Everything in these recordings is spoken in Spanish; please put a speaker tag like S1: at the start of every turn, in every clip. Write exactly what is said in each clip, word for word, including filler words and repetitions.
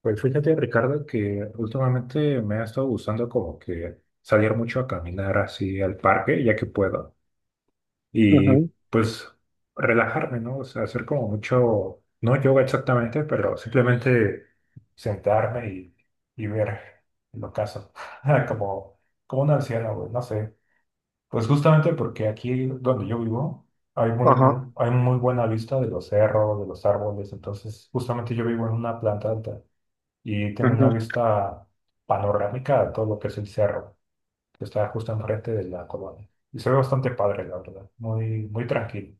S1: Pues fíjate, Ricardo, que últimamente me ha estado gustando como que salir mucho a caminar así al parque, ya que puedo, y
S2: Ujú,
S1: pues relajarme, ¿no? O sea, hacer como mucho, no yoga exactamente, pero simplemente sentarme y, y ver el ocaso, como, como un anciano, güey, no sé. Pues justamente porque aquí donde yo vivo hay muy,
S2: ajá,
S1: muy- hay muy buena vista de los cerros, de los árboles. Entonces justamente yo vivo en una planta alta y tengo una
S2: ujú.
S1: vista panorámica de todo lo que es el cerro, que está justo enfrente de la colonia. Y se ve bastante padre, la verdad, muy, muy tranquilo.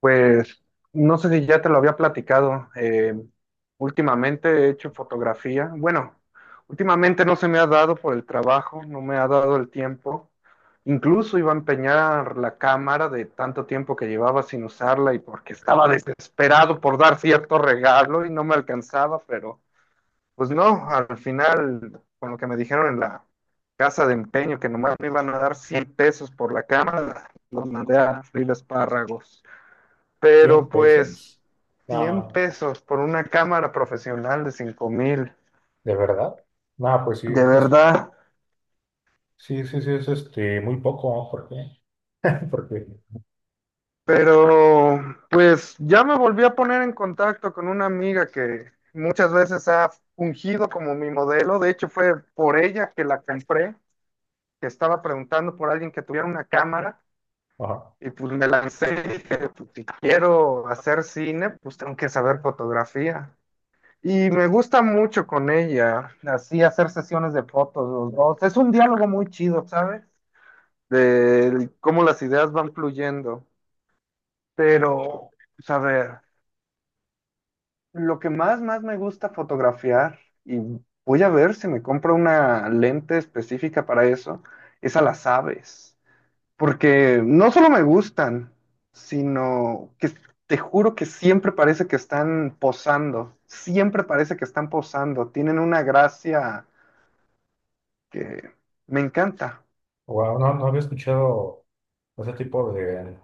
S2: Pues no sé si ya te lo había platicado. Eh, últimamente he hecho fotografía. Bueno, últimamente no se me ha dado por el trabajo, no me ha dado el tiempo. Incluso iba a empeñar la cámara de tanto tiempo que llevaba sin usarla y porque estaba desesperado por dar cierto regalo y no me alcanzaba, pero pues no, al final, con lo que me dijeron en la casa de empeño, que nomás me iban a dar cien pesos por la cámara, los mandé a freír espárragos.
S1: ¿Cien
S2: Pero pues,
S1: pesos?
S2: cien
S1: Ah,
S2: pesos por una cámara profesional de cinco mil,
S1: ¿de verdad? Ah, pues sí,
S2: de
S1: es,
S2: verdad.
S1: sí, sí, sí, es este, muy poco, ¿no? ¿Por qué? Porque,
S2: Pero pues ya me volví a poner en contacto con una amiga que muchas veces ha fungido como mi modelo. De hecho, fue por ella que la compré, que estaba preguntando por alguien que tuviera una cámara.
S1: ajá,
S2: Y pues me lancé y dije, pues, si quiero hacer cine, pues tengo que saber fotografía. Y me gusta mucho con ella, así hacer sesiones de fotos los dos. Es un diálogo muy chido, ¿sabes? De cómo las ideas van fluyendo. Pero, pues, a ver, lo que más, más me gusta fotografiar, y voy a ver si me compro una lente específica para eso, es a las aves. Porque no solo me gustan, sino que te juro que siempre parece que están posando, siempre parece que están posando, tienen una gracia que me encanta.
S1: wow, no, no había escuchado ese tipo de,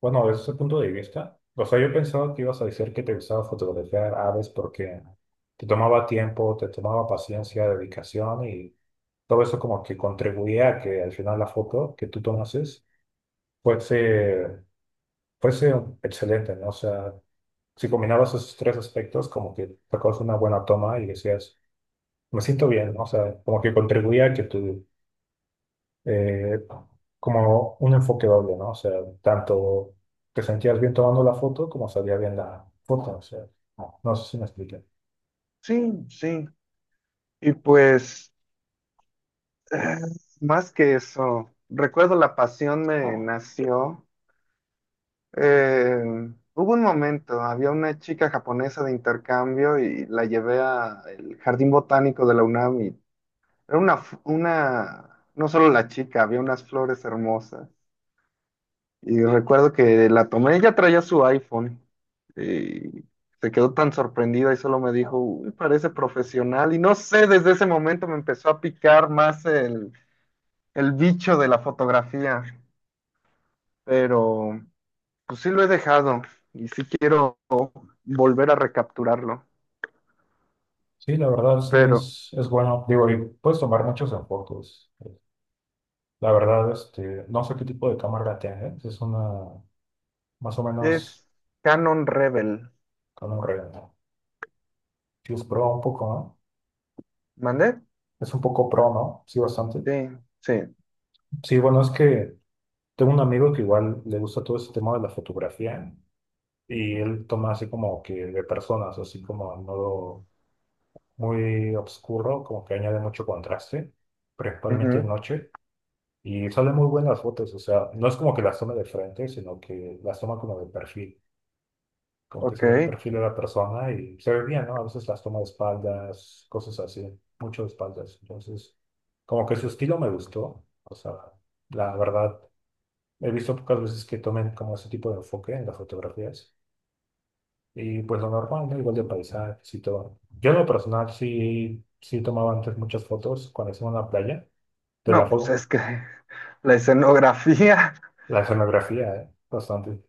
S1: bueno, desde ese punto de vista. O sea, yo pensaba que ibas a decir que te gustaba fotografiar aves porque te tomaba tiempo, te tomaba paciencia, dedicación, y todo eso como que contribuía a que al final la foto que tú tomases fuese, fuese excelente, ¿no? O sea, si combinabas esos tres aspectos, como que sacabas una buena toma y decías, me siento bien, ¿no? O sea, como que contribuía a que tú, eh, como un enfoque doble, ¿no? O sea, tanto te sentías bien tomando la foto como salía bien la foto. O sea, no, no sé si me expliqué.
S2: Sí, sí. Y pues, eh, más que eso, recuerdo la pasión me nació. Eh, hubo un momento, había una chica japonesa de intercambio y la llevé al Jardín Botánico de la UNAM. Y era una, f- una, no solo la chica, había unas flores hermosas. Y recuerdo que la tomé, ella traía su iPhone. Y se quedó tan sorprendida y solo me dijo, uy, parece profesional. Y no sé, desde ese momento me empezó a picar más el, el bicho de la fotografía. Pero pues sí lo he dejado y sí quiero volver a recapturarlo.
S1: Sí, la verdad sí
S2: Pero
S1: es, es bueno. Digo, y puedes tomar muchos enfoques. eh, La verdad, este, no sé qué tipo de cámara tiene, ¿eh? Es una más o menos
S2: es Canon Rebel.
S1: con un red, ¿no? Sí, es pro un poco, ¿no?
S2: ¿Mandé?
S1: Es un poco pro, ¿no? Sí, bastante.
S2: Sí, sí.
S1: Sí, bueno, es que tengo un amigo que igual le gusta todo ese tema de la fotografía, y él toma así como que de personas, así como en modo muy oscuro, como que añade mucho contraste, principalmente de
S2: Ujú.
S1: noche, y salen muy buenas fotos. O sea, no es como que las toma de frente, sino que las toma como de perfil. Como que se ve el
S2: Ok.
S1: perfil de la persona y se ve bien, ¿no? A veces las toma de espaldas, cosas así, mucho de espaldas. Entonces, como que su estilo me gustó. O sea, la verdad, he visto pocas veces que tomen como ese tipo de enfoque en las fotografías. Y pues lo normal, ¿no? Igual de paisajes y todo. Yo en lo personal sí, sí tomaba antes muchas fotos cuando hacía una playa, de la,
S2: No, pues
S1: fo-
S2: es que la escenografía.
S1: la escenografía, ¿eh? Bastante.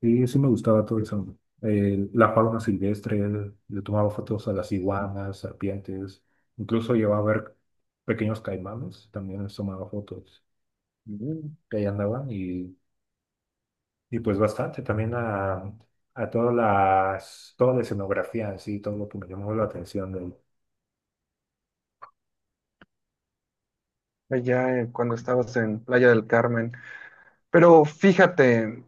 S1: Sí, sí me gustaba todo eso. Eh, la fauna silvestre, le tomaba fotos a las iguanas, serpientes, incluso llevaba a ver pequeños caimanes, también les tomaba fotos.
S2: Mm.
S1: Y ahí andaban, y, y pues bastante también a, a todas las, toda la escenografía en sí, todo lo que me llamó la atención de él.
S2: Allá eh, cuando estabas en Playa del Carmen. Pero fíjate,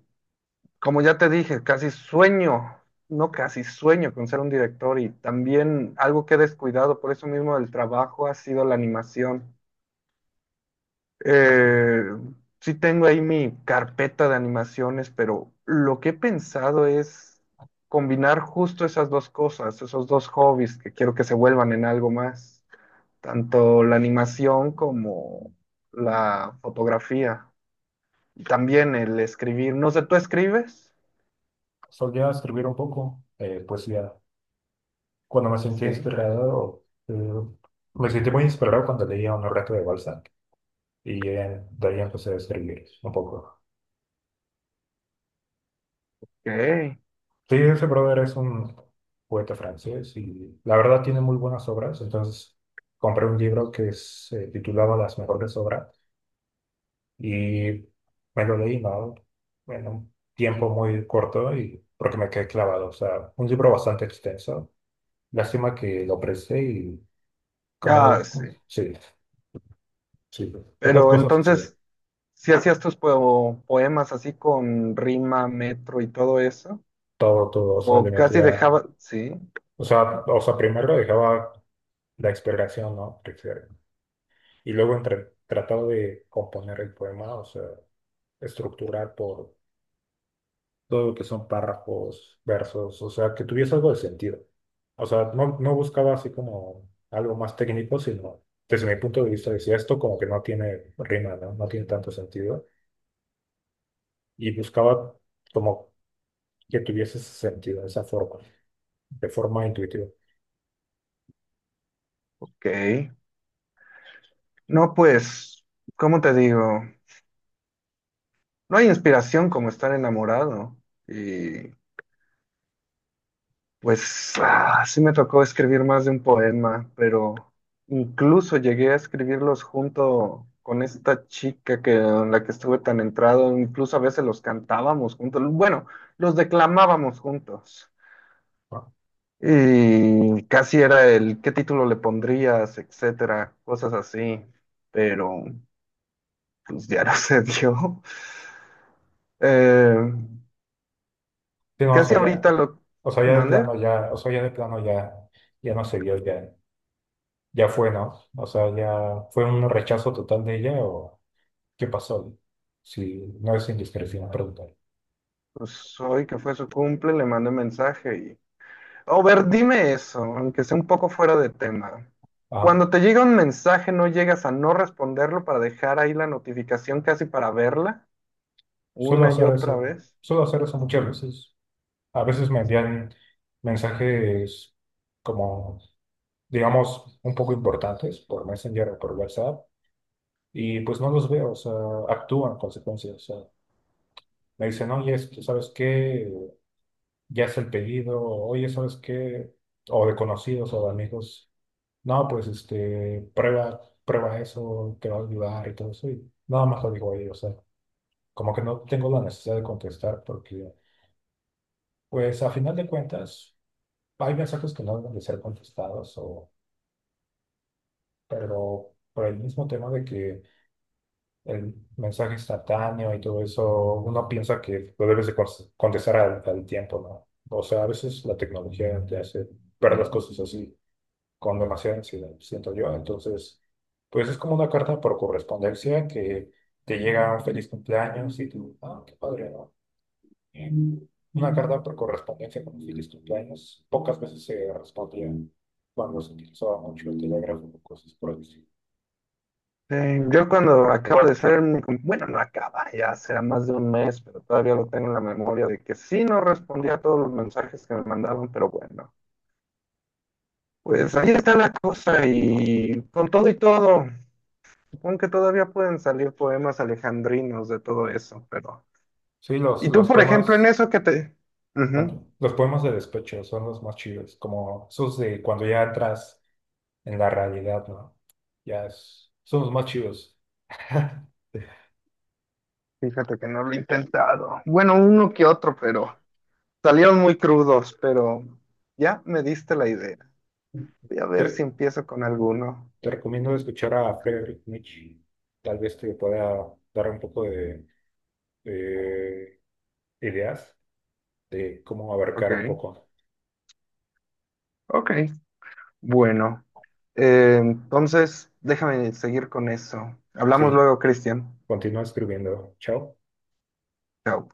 S2: como ya te dije, casi sueño, no casi sueño con ser un director y también algo que he descuidado por eso mismo del trabajo ha sido la animación.
S1: Ok,
S2: Eh, sí tengo ahí mi carpeta de animaciones, pero lo que he pensado es combinar justo esas dos cosas, esos dos hobbies que quiero que se vuelvan en algo más. Tanto la animación como la fotografía. Y también el escribir. No sé, ¿tú escribes?
S1: solía escribir un poco, eh, poesía. Cuando me sentía
S2: Sí.
S1: inspirado, eh, me sentí muy inspirado cuando leía un relato de Balzac, y eh, de ahí empecé a escribir un poco.
S2: Ok.
S1: Sí, ese brother es un poeta francés y la verdad tiene muy buenas obras. Entonces compré un libro que se titulaba Las Mejores Obras, y me lo leí, ¿no? En un tiempo muy corto y porque me quedé clavado. O sea, un libro bastante extenso. Lástima que lo presté y
S2: Ah,
S1: como,
S2: sí.
S1: sí, sí, esas
S2: Pero
S1: cosas suceden.
S2: entonces, ¿si hacías tus po- poemas así con rima, metro y todo eso?
S1: Todo, todo, o sea, le
S2: ¿O casi
S1: metía,
S2: dejaba? Sí.
S1: o sea, o sea, primero dejaba la exploración, ¿no? Y luego entre, tratado de componer el poema, o sea, estructurar por todo lo que son párrafos, versos, o sea, que tuviese algo de sentido. O sea, no, no buscaba así como algo más técnico, sino desde mi punto de vista decía esto como que no tiene rima, ¿no? No tiene tanto sentido. Y buscaba como que tuviese ese sentido, esa forma, de forma intuitiva.
S2: Ok. No, pues, ¿cómo te digo? No hay inspiración como estar enamorado. Y pues ah, sí me tocó escribir más de un poema, pero incluso llegué a escribirlos junto con esta chica que, en la que estuve tan entrado, incluso a veces los cantábamos juntos, bueno, los declamábamos juntos.
S1: ¿No?
S2: Y casi era el qué título le pondrías, etcétera, cosas así, pero pues ya no se dio. Eh,
S1: Sí, no, o
S2: casi
S1: sea, ya,
S2: ahorita lo
S1: o sea, ya de
S2: mandé,
S1: plano, ya, o sea, ya de plano, ya, ya no se vio ya. Ya fue, ¿no? O sea, ya fue un rechazo total de ella, o qué pasó. Si no es indiscreción preguntar.
S2: pues hoy que fue su cumple, le mandé mensaje. O ver, dime eso, aunque sea un poco fuera de tema.
S1: Ah,
S2: Cuando te llega un mensaje, ¿no llegas a no responderlo para dejar ahí la notificación casi para verla
S1: suelo
S2: una y
S1: hacer
S2: otra
S1: eso,
S2: vez?
S1: suelo hacer eso muchas veces. A veces me envían mensajes como, digamos, un poco importantes por Messenger o por WhatsApp y pues no los veo. O sea, actúan en consecuencia. O sea, me dicen, oye, es que, ¿sabes qué? Ya es el pedido, oye, ¿sabes qué? O de conocidos o de amigos. No, pues este, prueba, prueba eso, te va a ayudar y todo eso. Y nada más lo digo ahí. O sea, como que no tengo la necesidad de contestar porque, pues a final de cuentas, hay mensajes que no deben de ser contestados, o, pero por el mismo tema de que el mensaje instantáneo y todo eso, uno piensa que lo debes de cons- contestar al, al tiempo, ¿no? O sea, a veces la tecnología te hace ver las cosas así, con demasiada ansiedad, siento yo. Entonces, pues es como una carta por correspondencia que te llega un feliz cumpleaños y tú, ah, qué padre, ¿no? Eh, Una carta por correspondencia con un feliz cumpleaños pocas veces se respondía cuando se utilizaba mucho el telégrafo o cosas por el estilo.
S2: Eh, yo cuando acabo de ser, mi com- bueno, no acaba, ya será más de un mes, pero todavía lo tengo en la memoria de que sí no respondía a todos los mensajes que me mandaban, pero bueno, pues ahí está la cosa y con todo y todo, supongo que todavía pueden salir poemas alejandrinos de todo eso, pero...
S1: Sí, los,
S2: Y tú,
S1: los
S2: por ejemplo, en
S1: poemas,
S2: eso que te... Ujú.
S1: ¿cuánto? Los poemas de despecho son los más chidos, como esos de cuando ya entras en la realidad, ¿no? Ya es- son los más chidos.
S2: Fíjate que no lo he intentado. Bueno, uno que otro, pero salieron muy crudos, pero ya me diste la idea. Voy a ver si
S1: Te-
S2: empiezo con alguno.
S1: Te recomiendo escuchar a Friedrich Nietzsche. Tal vez te pueda dar un poco de, de ideas de cómo
S2: Ok,
S1: abarcar un poco.
S2: ok. Bueno, eh, entonces déjame seguir con eso. Hablamos
S1: Sí,
S2: luego, Cristian.
S1: continúa escribiendo. Chao.
S2: Chao.